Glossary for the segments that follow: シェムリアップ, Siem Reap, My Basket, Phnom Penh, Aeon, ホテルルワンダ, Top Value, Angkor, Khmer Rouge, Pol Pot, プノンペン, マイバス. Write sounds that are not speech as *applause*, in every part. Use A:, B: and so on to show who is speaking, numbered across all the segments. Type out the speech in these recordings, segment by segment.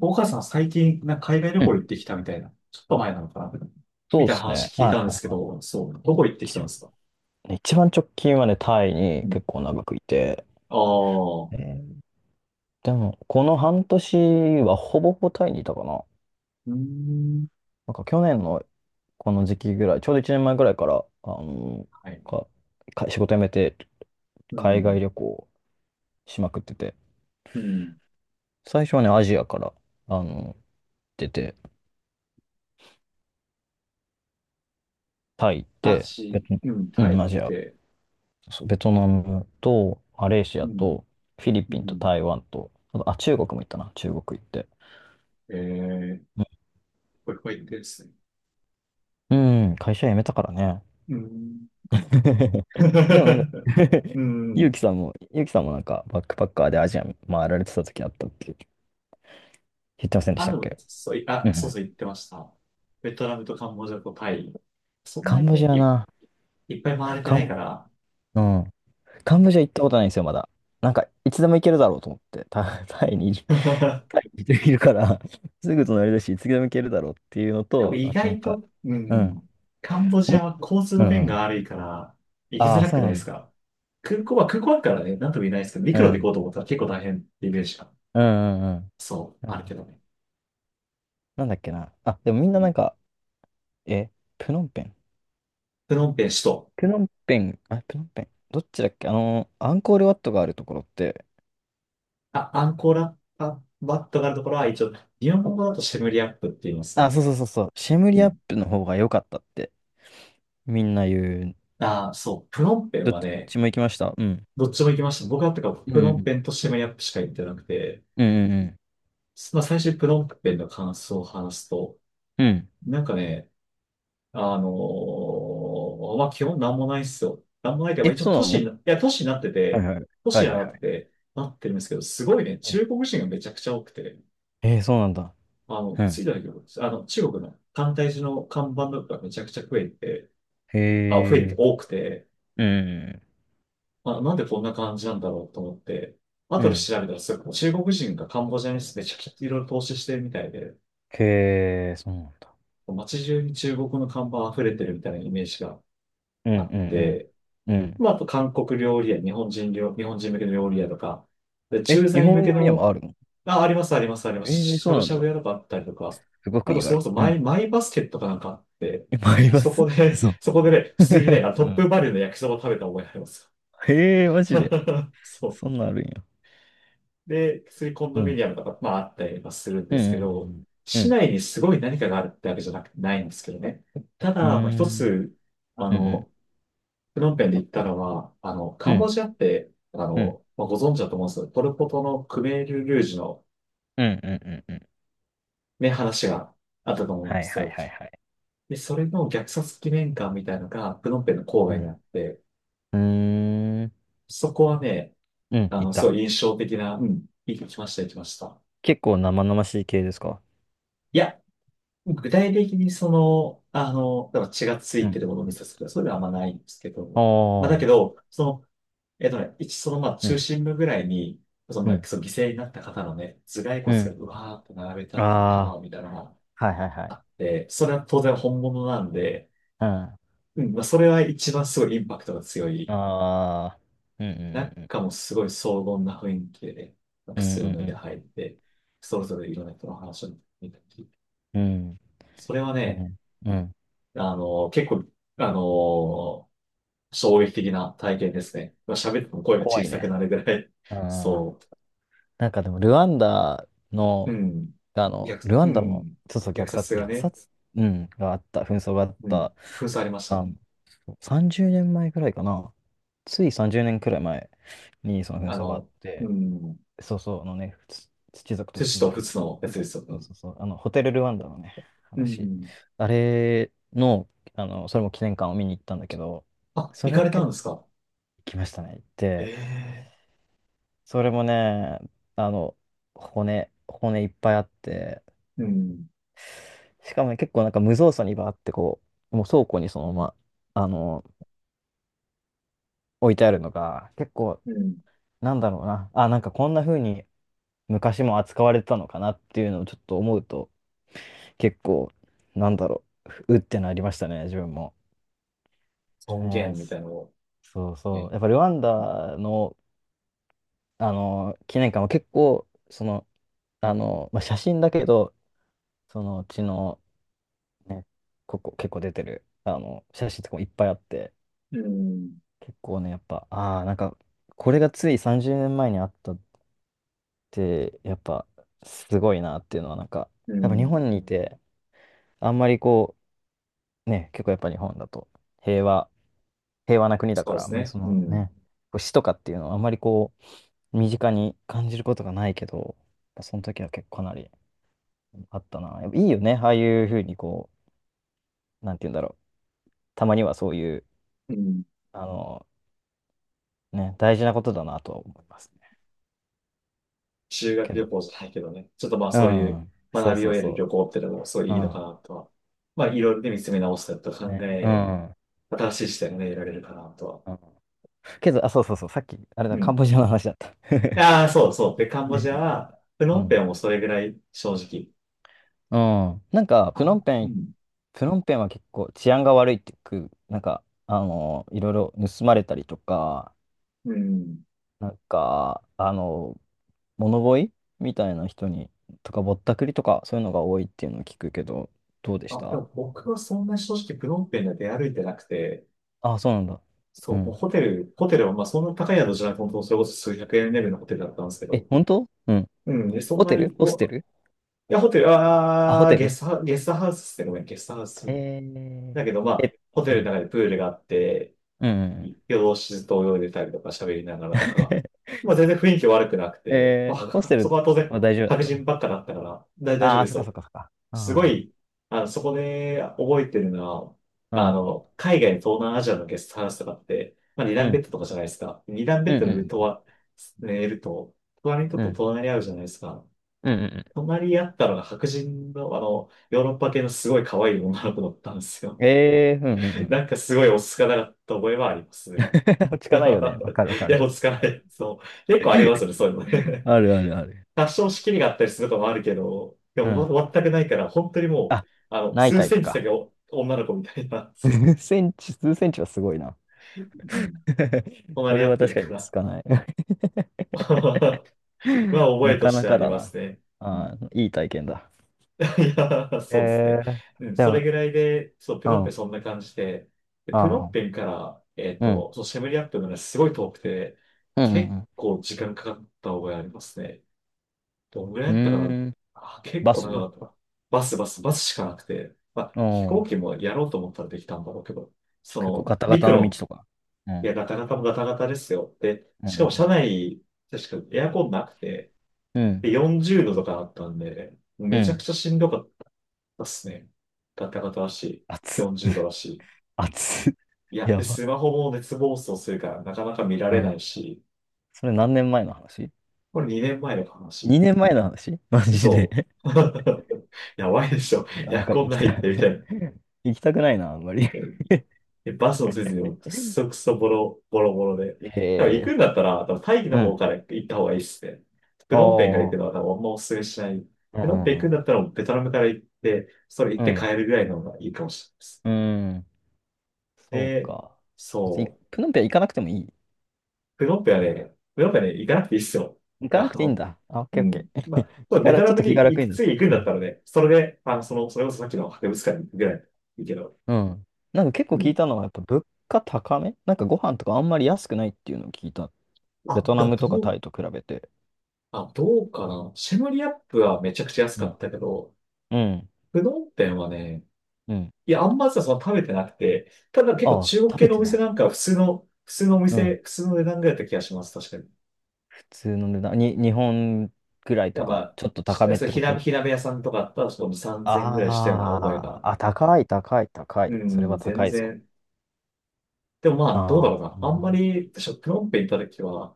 A: 岡さん最近、なんか海外旅
B: う
A: 行
B: ん、
A: 行ってきたみたいな。ちょっと前なのかなみ
B: そう
A: た
B: で
A: いな
B: すね。
A: 話聞い
B: は
A: たんで
B: い。
A: すけど、そう、どこ行ってきたんですか？
B: 一一番直近はね、タイに
A: うん
B: 結構長くいて、
A: ああ、
B: え
A: う
B: ーでも、この半年はほぼほぼタイにいたかな。
A: ーん、
B: なんか去年のこの時期ぐらい、ちょうど1年前ぐらいから、あの
A: はい。
B: か、か仕事辞めて
A: う
B: 海外
A: ん、
B: 旅行しまくってて、
A: うん。
B: 最初はね、アジアから、あの、出て、タイ行っ
A: ラ
B: て、ベ
A: チ、
B: ト、
A: うん、
B: う
A: タイ
B: ん、
A: 行っ
B: アジア、
A: て、
B: そうベトナムと、マレーシ
A: う
B: ア
A: ん、
B: と、フィリ
A: う
B: ピンと
A: ん。
B: 台湾と、あと、あ、中国も行ったな、中国行って。
A: ええ
B: う
A: これ、これ行ってですね。
B: うん、会社辞めたからね。
A: うん。
B: *laughs* でもなんか
A: *laughs* う
B: *laughs* ゆうき
A: ん。
B: さんも、ゆうきさんもなんかバックパッカーでアジア回られてた時あったって言ってませんでし
A: あ、
B: た
A: で
B: っ
A: も、
B: け？うんう
A: そう
B: ん。
A: そう、行ってました。ベトナムとカンボジアとタイ。そん
B: カ
A: な
B: ンボ
A: に
B: ジア
A: い、
B: な。
A: いっぱい回れて
B: カ
A: ないか
B: ン、
A: ら。
B: うん。カンボジア行ったことないんですよ、まだ。なんか、いつでも行けるだろうと思って、
A: *laughs*
B: タイにいるから、すぐ隣だし、いつでも行けるだろうっていうの
A: でも
B: と、
A: 意
B: あとなん
A: 外
B: か、
A: と、
B: うん。
A: カンボジ
B: もうい
A: アは交通
B: う
A: の
B: ん
A: 便
B: う
A: が
B: ん。
A: 悪いから、行き
B: あ
A: づ
B: あ、
A: ら
B: そ
A: く
B: う
A: ない
B: な
A: で
B: ん
A: す
B: だ。
A: か？空港は、空港あるからね、なんとも言えないですけど、
B: う
A: 陸路で
B: ん。
A: 行こうと思ったら結構大変ってイメージが、
B: うんうんうん。
A: そう、
B: う
A: あるけ
B: ん。
A: どね。
B: なんだっけな。あ、でもみん
A: う
B: なな
A: ん。
B: んか、え、プノンペン。
A: プノンペン首都。
B: プノンペン。どっちだっけあの、アンコールワットがあるところって、
A: あ、アンコーラ、あ、バットがあるところは一応、日本語だとシェムリアップって言います
B: あ、
A: ね。
B: そうそうそうそう、シェム
A: う
B: リアッ
A: ん。
B: プの方が良かったってみんな言う。
A: ああそう、プノンペン
B: どっ
A: はね、
B: ちも行きました。うん。
A: どっちも行きました。僕は
B: う
A: プノンペ
B: ん
A: ンとシェムリアップしか行ってなくて、
B: うんうん。うんうん
A: まあ最初にプノンペンの感想を話すと、
B: うん。うん。
A: なんかね、まあ、基本なんもないっすよ。なんもないけど、まあ
B: え、
A: 一応
B: そう
A: 都
B: な
A: 市に
B: の？
A: な、いや、都市になって
B: はい
A: て、
B: はい。はいはいはい。
A: なってるんですけど、すごいね、
B: うん。
A: 中国人がめちゃくちゃ多くて、
B: えー、そうなんだ。
A: あの、
B: う
A: つ
B: ん。
A: いた時、あの、中国の簡体字の看板とかがめちゃくちゃ増えて、
B: へえ。
A: 多くて、
B: うん。
A: まあ、なんでこんな感じなんだろうと思って、
B: う
A: 後
B: んう
A: で
B: ん。
A: 調べたらすごい、中国人がカンボジアにめちゃくちゃいろいろ投資してるみたいで、
B: へえ、そうなんだ。
A: 街中に中国の看板溢れてるみたいなイメージが
B: うんう
A: あっ
B: ん
A: て、
B: うん。うん。
A: まあ、あと韓国料理屋、日本人向けの料理屋とか、で
B: え、
A: 駐
B: 日
A: 在向
B: 本
A: け
B: 料理屋
A: の、
B: もあるの？
A: あ、あります、あります、ありま
B: え
A: す。
B: ー、
A: し
B: そ
A: ゃ
B: う
A: ぶ
B: な
A: し
B: ん
A: ゃ
B: だ。
A: ぶ屋とかあったりとか、
B: すごく
A: あ
B: 意
A: と、それこ
B: 外。
A: そ
B: うん。
A: マイバスケットかなんかあって、
B: え、ありま
A: そ
B: す？
A: こ
B: *laughs*
A: で、
B: そ
A: *laughs*
B: う。
A: そこでね、普通にね、
B: *laughs*
A: あ
B: *laughs*
A: ト
B: う
A: ップ
B: ん。
A: バリューの焼きそば食べた覚えあります
B: へえ、
A: よ。
B: マジで。
A: *laughs* そう。
B: そんなんあるんや。
A: で、普通にコン
B: う
A: ドミ
B: ん。
A: ニアムとか、まあ、あったりはするん
B: う
A: で
B: ん、
A: すけど、
B: うん、う
A: 市
B: ん、
A: 内にすごい何かがあるってわけじゃなく、ないんですけどね。た
B: う
A: だ、まあ、一
B: ん、
A: つ、あ
B: うん、うん、
A: の、プノンペンで行ったのは、あの、
B: う
A: カ
B: ん、う
A: ンボ
B: ん、
A: ジアって、あ
B: うん、
A: の、まあ、ご存知だと思うんですけど、ポルポトのクメール・ルージュの
B: うん、うん、
A: ね、話があったと思うん
B: は
A: で
B: い
A: す
B: はい
A: よ。
B: はいはい。
A: で、それの虐殺記念館みたいのが、プノンペンの郊
B: う
A: 外に
B: ん。
A: あって、
B: うーん、
A: そこはね、
B: うん、
A: あ
B: い
A: の、すご
B: た。
A: い印象的な、うん、行きました、行きました。
B: 結構生々しい系ですか？
A: いや、具体的にその、あの、だから血がつ
B: う
A: いて
B: ん。
A: るものを見させるとか、そういうのはあんまないんですけ
B: あ
A: ど、まあだけ
B: ー、
A: ど、その、そのまあ
B: う
A: 中
B: ん、
A: 心部ぐらいに、その、
B: う
A: まあ
B: ん、
A: その犠牲になった方のね、頭蓋
B: う
A: 骨が
B: ん。
A: うわーって並べたってるタ
B: ああ、
A: ワーみたいなのがあっ
B: はいはいはい。
A: て、それは当然本物なんで、
B: うん。あ
A: うん、まあそれは一番すごいインパクトが強い。
B: あ、うん、うん、うん、
A: 中もすごい荘厳な雰囲気でね、まあ
B: う
A: 靴を脱いで
B: ん、
A: 入って、それぞれいろんな人の話を見たり、
B: うん、うん、
A: それは
B: う
A: ね、
B: ん。うん、
A: あの、結構、あの、衝撃的な体験ですね。まあ喋っても声が
B: 怖
A: 小
B: い
A: さく
B: ね。
A: なるぐらい、
B: うん。
A: そう。
B: なんかでも、
A: う
B: の、
A: ん。
B: ルワ
A: う
B: ンダも、
A: ん。
B: そうそう、
A: 虐殺が
B: 虐
A: ね、
B: 殺、うん、があった、紛争があっ
A: うん。
B: た、
A: 封鎖ありました
B: あの、
A: ね。
B: そう30年前くらいかな。つい30年くらい前にその紛
A: あ
B: 争があっ
A: の、う
B: て、
A: ん。
B: そうそう、あのね、土族と
A: 寿司
B: 仏
A: と
B: 族
A: 仏
B: の、
A: のやつですよ
B: そう
A: ね。
B: そうそう、あの、ホテルルワンダのね、
A: う
B: 話。
A: ん。
B: あれの、あの、それも記念館を見に行ったんだけど、
A: あ、
B: そ
A: 行
B: れ
A: か
B: も
A: れた
B: 結
A: ん
B: 構
A: ですか？
B: 行きましたね、行って。
A: ええ
B: それもね、あの、骨いっぱいあって、
A: うん。
B: しかもね結構なんか無造作にバーってもう倉庫にそのまま、あの、置いてあるのが、結構、
A: うん。
B: なんだろうな、あ、なんかこんな風に昔も扱われてたのかなっていうのをちょっと思うと、結構、なんだろう、うってなりましたね、自分も。
A: 尊
B: ねえ、
A: 厳み
B: そ
A: たいなのを
B: そうそう。
A: ね。
B: やっぱルワンダの、あの、記念館は結構、その、あの、まあ、写真だけど、そのうちの、ね、ここ結構出てる、あの、写真とかもいっぱいあって、
A: うん。
B: 結構ね、やっぱ、ああ、なんか、これがつい30年前にあったって、やっぱ、すごいなっていうのは、なんか、
A: う
B: やっぱ日
A: ん。
B: 本にいて、あんまりこう、ね、結構やっぱ日本だと、平和、平和な国だ
A: そ
B: か
A: うで
B: ら、あん
A: す
B: まり
A: ね。
B: そ
A: う
B: の
A: ん。
B: ね、こう、死とかっていうのは、あんまりこう、身近に感じることがないけど、やっぱその時は結構かなりあったな。やっぱいいよね、ああいうふうにこう、なんて言うんだろう、たまにはそういう、
A: うん。
B: あの、ね、大事なことだなとは思いますね。
A: 修
B: け
A: 学旅
B: ど、
A: 行じゃないけどね。ちょっとまあ
B: う
A: そういう
B: ん、そう
A: 学び
B: そ
A: を
B: う
A: 得る旅
B: そ
A: 行ってのもすごい
B: う。
A: い
B: う
A: いのか
B: ん、
A: なとは。まあいろいろね見つめ直したりとか考
B: ね。う
A: え、
B: ん。う
A: 新しい視点がね、得られるかなとは。
B: ん。けど、あ、そうそうそう、さっき、あれ
A: う
B: だ、カン
A: ん。
B: ボジアの話だった。*laughs*
A: ああ、そうそう。で、カンボ
B: ね。
A: ジアは、プ
B: う
A: ノンペ
B: ん。
A: ンもそれぐらい正直。
B: うん。なんか、
A: あ、うん。
B: プノンペンは結構治安が悪いってく、なんか、あの、いろいろ盗まれたりとか、
A: うん。
B: なんか、あの、物乞いみたいな人に、とか、ぼったくりとか、そういうのが多いっていうのを聞くけど、どうでし
A: あ、で
B: た？
A: も僕はそんな正直プノンペンで出歩いてなくて、
B: あ、そうなんだ。う
A: そう、もう
B: ん。
A: ホテル、ホテルはまあそんな高い宿じゃなくて、本当それこそ数百円レベルのホテルだったんですけ
B: え、
A: ど。
B: 本当？うん。
A: うん。で、そん
B: ホ
A: な
B: テル
A: に、う
B: ホス
A: わ
B: テル
A: ホテル、
B: あ、ホテル？
A: ゲストハウスですね。ごめん、ゲストハウス。
B: えー、
A: だけどま
B: え、
A: あ、ホテ
B: う
A: ルの
B: ん。
A: 中でプールがあって、
B: うんうんうん。
A: 夜通しずっと泳いでたりとか喋りながらとか、
B: *laughs*
A: まあ全然雰囲気悪くなくて、ま
B: えー、ホス
A: あ、
B: テ
A: そ
B: ル
A: こは当然
B: は大丈夫だっ
A: 白
B: たの？
A: 人ばっかだったから、大丈夫
B: ああ
A: で
B: ー、そ
A: す
B: っかそっ
A: よ。
B: かそっか。
A: すご
B: う
A: い、あの、そこで覚えてるの
B: ん。う
A: は、あ
B: ん。
A: の、海外の東南アジアのゲストハウスとかって、まあ二
B: う
A: 段ベッ
B: ん。
A: ドとかじゃないですか。二段ベ
B: う
A: ッドの上
B: ん。
A: と
B: うん。
A: は、寝ると、隣の人
B: う
A: と
B: ん。
A: 隣り合うじゃないですか。
B: うん。うん。
A: 隣り合ったのが白人の、あの、ヨーロッパ系のすごい可愛い女の子だったんですよ。
B: ええー、うん。う
A: *laughs*
B: ん。
A: なんかすごい落ち着かなかった覚えはあります
B: うん。
A: ね。
B: *laughs* 落ち
A: *laughs*
B: 着かないよね。わかるわか
A: いや、
B: る。
A: 落ち着かない。そう。結構ありますよね、そういうのね。
B: あるあるある。
A: *laughs* 多少仕切りがあったりすることもあるけど、で
B: う
A: も
B: ん。
A: ま全くないから、本当にもう、
B: あ、
A: あの、
B: ない
A: 数
B: タイ
A: セ
B: プ
A: ンチ先
B: か。
A: お女の子みたいな、
B: 数センチはすごいな。
A: うん
B: *laughs* そ
A: 隣り
B: れ
A: 合
B: は
A: って
B: 確
A: る
B: かに
A: か
B: 落ち着
A: ら、
B: かない。*laughs*
A: *laughs* まあ、覚
B: な
A: えと
B: か
A: し
B: な
A: てあ
B: か
A: り
B: だ
A: ま
B: な。
A: すね。うん
B: ああ、いい体験だ。
A: *laughs* いや、そうです
B: え
A: ね。
B: ー、
A: うん、
B: で
A: それ
B: も、
A: ぐらいで、そう、プ
B: う
A: ノンペン
B: ん。
A: そんな感じで、で、プノン
B: あ
A: ペ
B: あ、
A: ンから、えっ
B: うん。
A: と、そう、シェムリアップのね、すごい遠くて、
B: うん。う
A: 結
B: ん。
A: 構時間かかった覚えありますね。どんぐら
B: う
A: いだったか
B: ん。う
A: な。
B: ーん。
A: あ、結
B: バ
A: 構
B: スう
A: 長かったな。バスしかなくて。まあ、飛
B: ん。
A: 行機もやろうと思ったらできたんだろうけど、そ
B: 結構
A: の、
B: ガタガタ
A: 陸
B: の道
A: 路、
B: とか。う
A: い
B: ん。
A: や、ガタガタもガタガタですよ。で、
B: うんう
A: しかも車
B: ん
A: 内、確かエアコンなくて、
B: うんうん。
A: で、40度とかあったんで、もう
B: う
A: めちゃく
B: ん。
A: ちゃしんどかったっすね。ガタガタだし、
B: 熱っ、
A: 40度だし。
B: 熱っ。
A: い
B: *laughs*
A: や、で、
B: やば。
A: スマホも熱暴走するから、なかなか見ら
B: う
A: れない
B: ん。
A: し、
B: それ何年前の話？
A: これ2年前の話。
B: 2 年前の話？ *laughs* マジで。
A: そ
B: *laughs*
A: う。*laughs* やばいでしょ。
B: てか、
A: エ
B: なん
A: ア
B: か
A: コ
B: 行
A: ン
B: き
A: な
B: た
A: いっ
B: い。
A: て、みたいな。
B: *laughs* 行きたくないな、あんまり。*laughs*
A: で、バスもせずに、くそくそボロボロで。
B: へ
A: だから行く
B: え。
A: んだったら、多分タイ
B: う
A: の方
B: ん。
A: から行った方がいいっすね。プノンペンから行
B: お
A: くの
B: ー。
A: は多分あんまおすすめしない。
B: う
A: プノンペン行
B: ん
A: くん
B: う
A: だ
B: ん
A: ったら、ベトナムから行って、それ行
B: う
A: って帰
B: ん。
A: るぐらいの方がいいかもしれないです。
B: うん。うん。そう
A: で、
B: か。
A: そ
B: 別に、
A: う。
B: プノンペア行かなくてもいい。
A: プノンペンはね、プノンペンはね、行かなくていいっすよ。
B: 行かな
A: あ
B: くていいん
A: の、
B: だ。あ、オッ
A: う
B: ケーオッ
A: ん。
B: ケ
A: ま
B: ー。
A: あ、
B: *laughs*
A: こ
B: 気
A: れ
B: が
A: ベト
B: ら、ち
A: ナ
B: ょっ
A: ム
B: と気
A: に
B: が楽
A: 行
B: に
A: く、
B: なっ
A: 次行くん
B: た。う
A: だっ
B: ん。
A: たらね、それで、あの、その、それこそさっきの博物館に行くぐらいいいけど。
B: うん。なんか結
A: う
B: 構聞い
A: ん。
B: たのは、やっぱ物価高めなんかご飯とかあんまり安くないっていうのを聞いた。ベ
A: あ、
B: トナ
A: でも
B: ムとか
A: どう、
B: タイと比べて。
A: あ、どうかな。シェムリアップはめちゃくちゃ安
B: う
A: かっ
B: ん。
A: たけど、
B: うん。
A: プノンペンはね、
B: うん。
A: いや、あんまさ、その食べてなくて、ただ結構
B: ああ、
A: 中国
B: 食
A: 系
B: べ
A: のお
B: てな
A: 店
B: い。
A: なんかは普通の、普通のお
B: う
A: 店、
B: ん。
A: 普通の値段ぐらいだった気がします、確かに。
B: 普通の値段。に、日本くらい
A: で
B: と
A: もま
B: か、
A: あ、
B: ちょっと
A: し
B: 高めっ
A: そう
B: てこと？
A: 火鍋屋さんとかあったら、ちょっと3000円ぐらいしたような覚え
B: あ
A: が。
B: あ、あ、高い、高い、高
A: う
B: い。それ
A: ん、
B: は
A: 全
B: 高いぞ。
A: 然。でもまあ、どう
B: あ
A: だ
B: あ、
A: ろうな。
B: な
A: あ
B: る
A: ん
B: ほど
A: ま
B: ね。
A: り、私はプノンペン行った時は、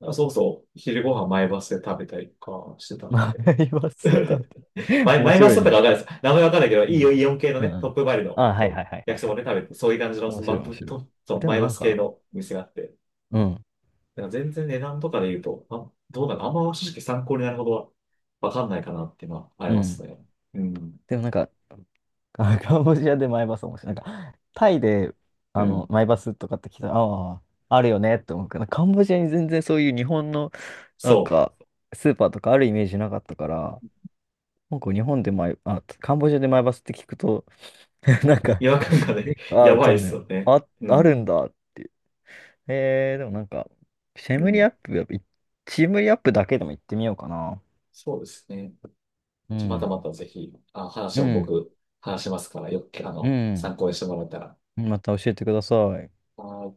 A: あそうそう、昼ご飯前バスで食べたりとかしてた
B: *laughs*
A: ん
B: まあ
A: で。
B: 言わせたみ
A: *laughs*
B: たいな。面
A: マイマ
B: 白
A: ス
B: い
A: だったか
B: ね。
A: わかんないです。名前わかんないけど、
B: う
A: いいよ、
B: ん。
A: イオン系の
B: う
A: ね、
B: ん。う
A: ト
B: ん。
A: ップバリュの、
B: ああ、は
A: そ
B: いは
A: う、
B: いはいは
A: 焼
B: い
A: きそ
B: は
A: ば
B: い。
A: ね、食べて、そういう感じの、
B: 面
A: その
B: 白
A: マ
B: い、
A: ッ
B: 面
A: プ
B: 白い。
A: と、そう、
B: で
A: マ
B: も
A: イ
B: な
A: マ
B: ん
A: ス系
B: か、
A: の店があって、
B: うん。
A: だから全然値段とかで言うと、あ、どうなのあんま正直参考になるほどはわかんないかなっていうのはあり
B: う
A: ます
B: ん。
A: ね。うん。
B: でもなんか、あ、カンボジアでマイバス面白い。なんか、タイで、
A: う
B: あの、
A: ん。
B: マイバスとかって聞いたら、ああ、あるよねって思うけど、カンボジアに全然そういう日本の、なん
A: そう。
B: か、スーパーとかあるイメージなかったから、なんか日本でマイ、あ、カンボジアでマイバスって聞くと、*laughs* なんか、
A: 違和感が
B: え
A: ね、*laughs* や
B: あ、
A: ば
B: そ
A: いで
B: んな
A: す
B: の、
A: よね。
B: あ、
A: う
B: ある
A: ん。
B: んだって。えー、でもなんか、シェ
A: う
B: ムリ
A: ん。
B: アップ、やっぱいシェムリアップだけでも行ってみようかな。
A: そうですね。
B: う
A: またま
B: ん。
A: たぜひ、あ、話
B: う
A: も
B: ん。
A: 僕、話しますから、よく、あ
B: う
A: の、
B: ん。
A: 参考にしてもらえたら。
B: また教えてください。
A: あー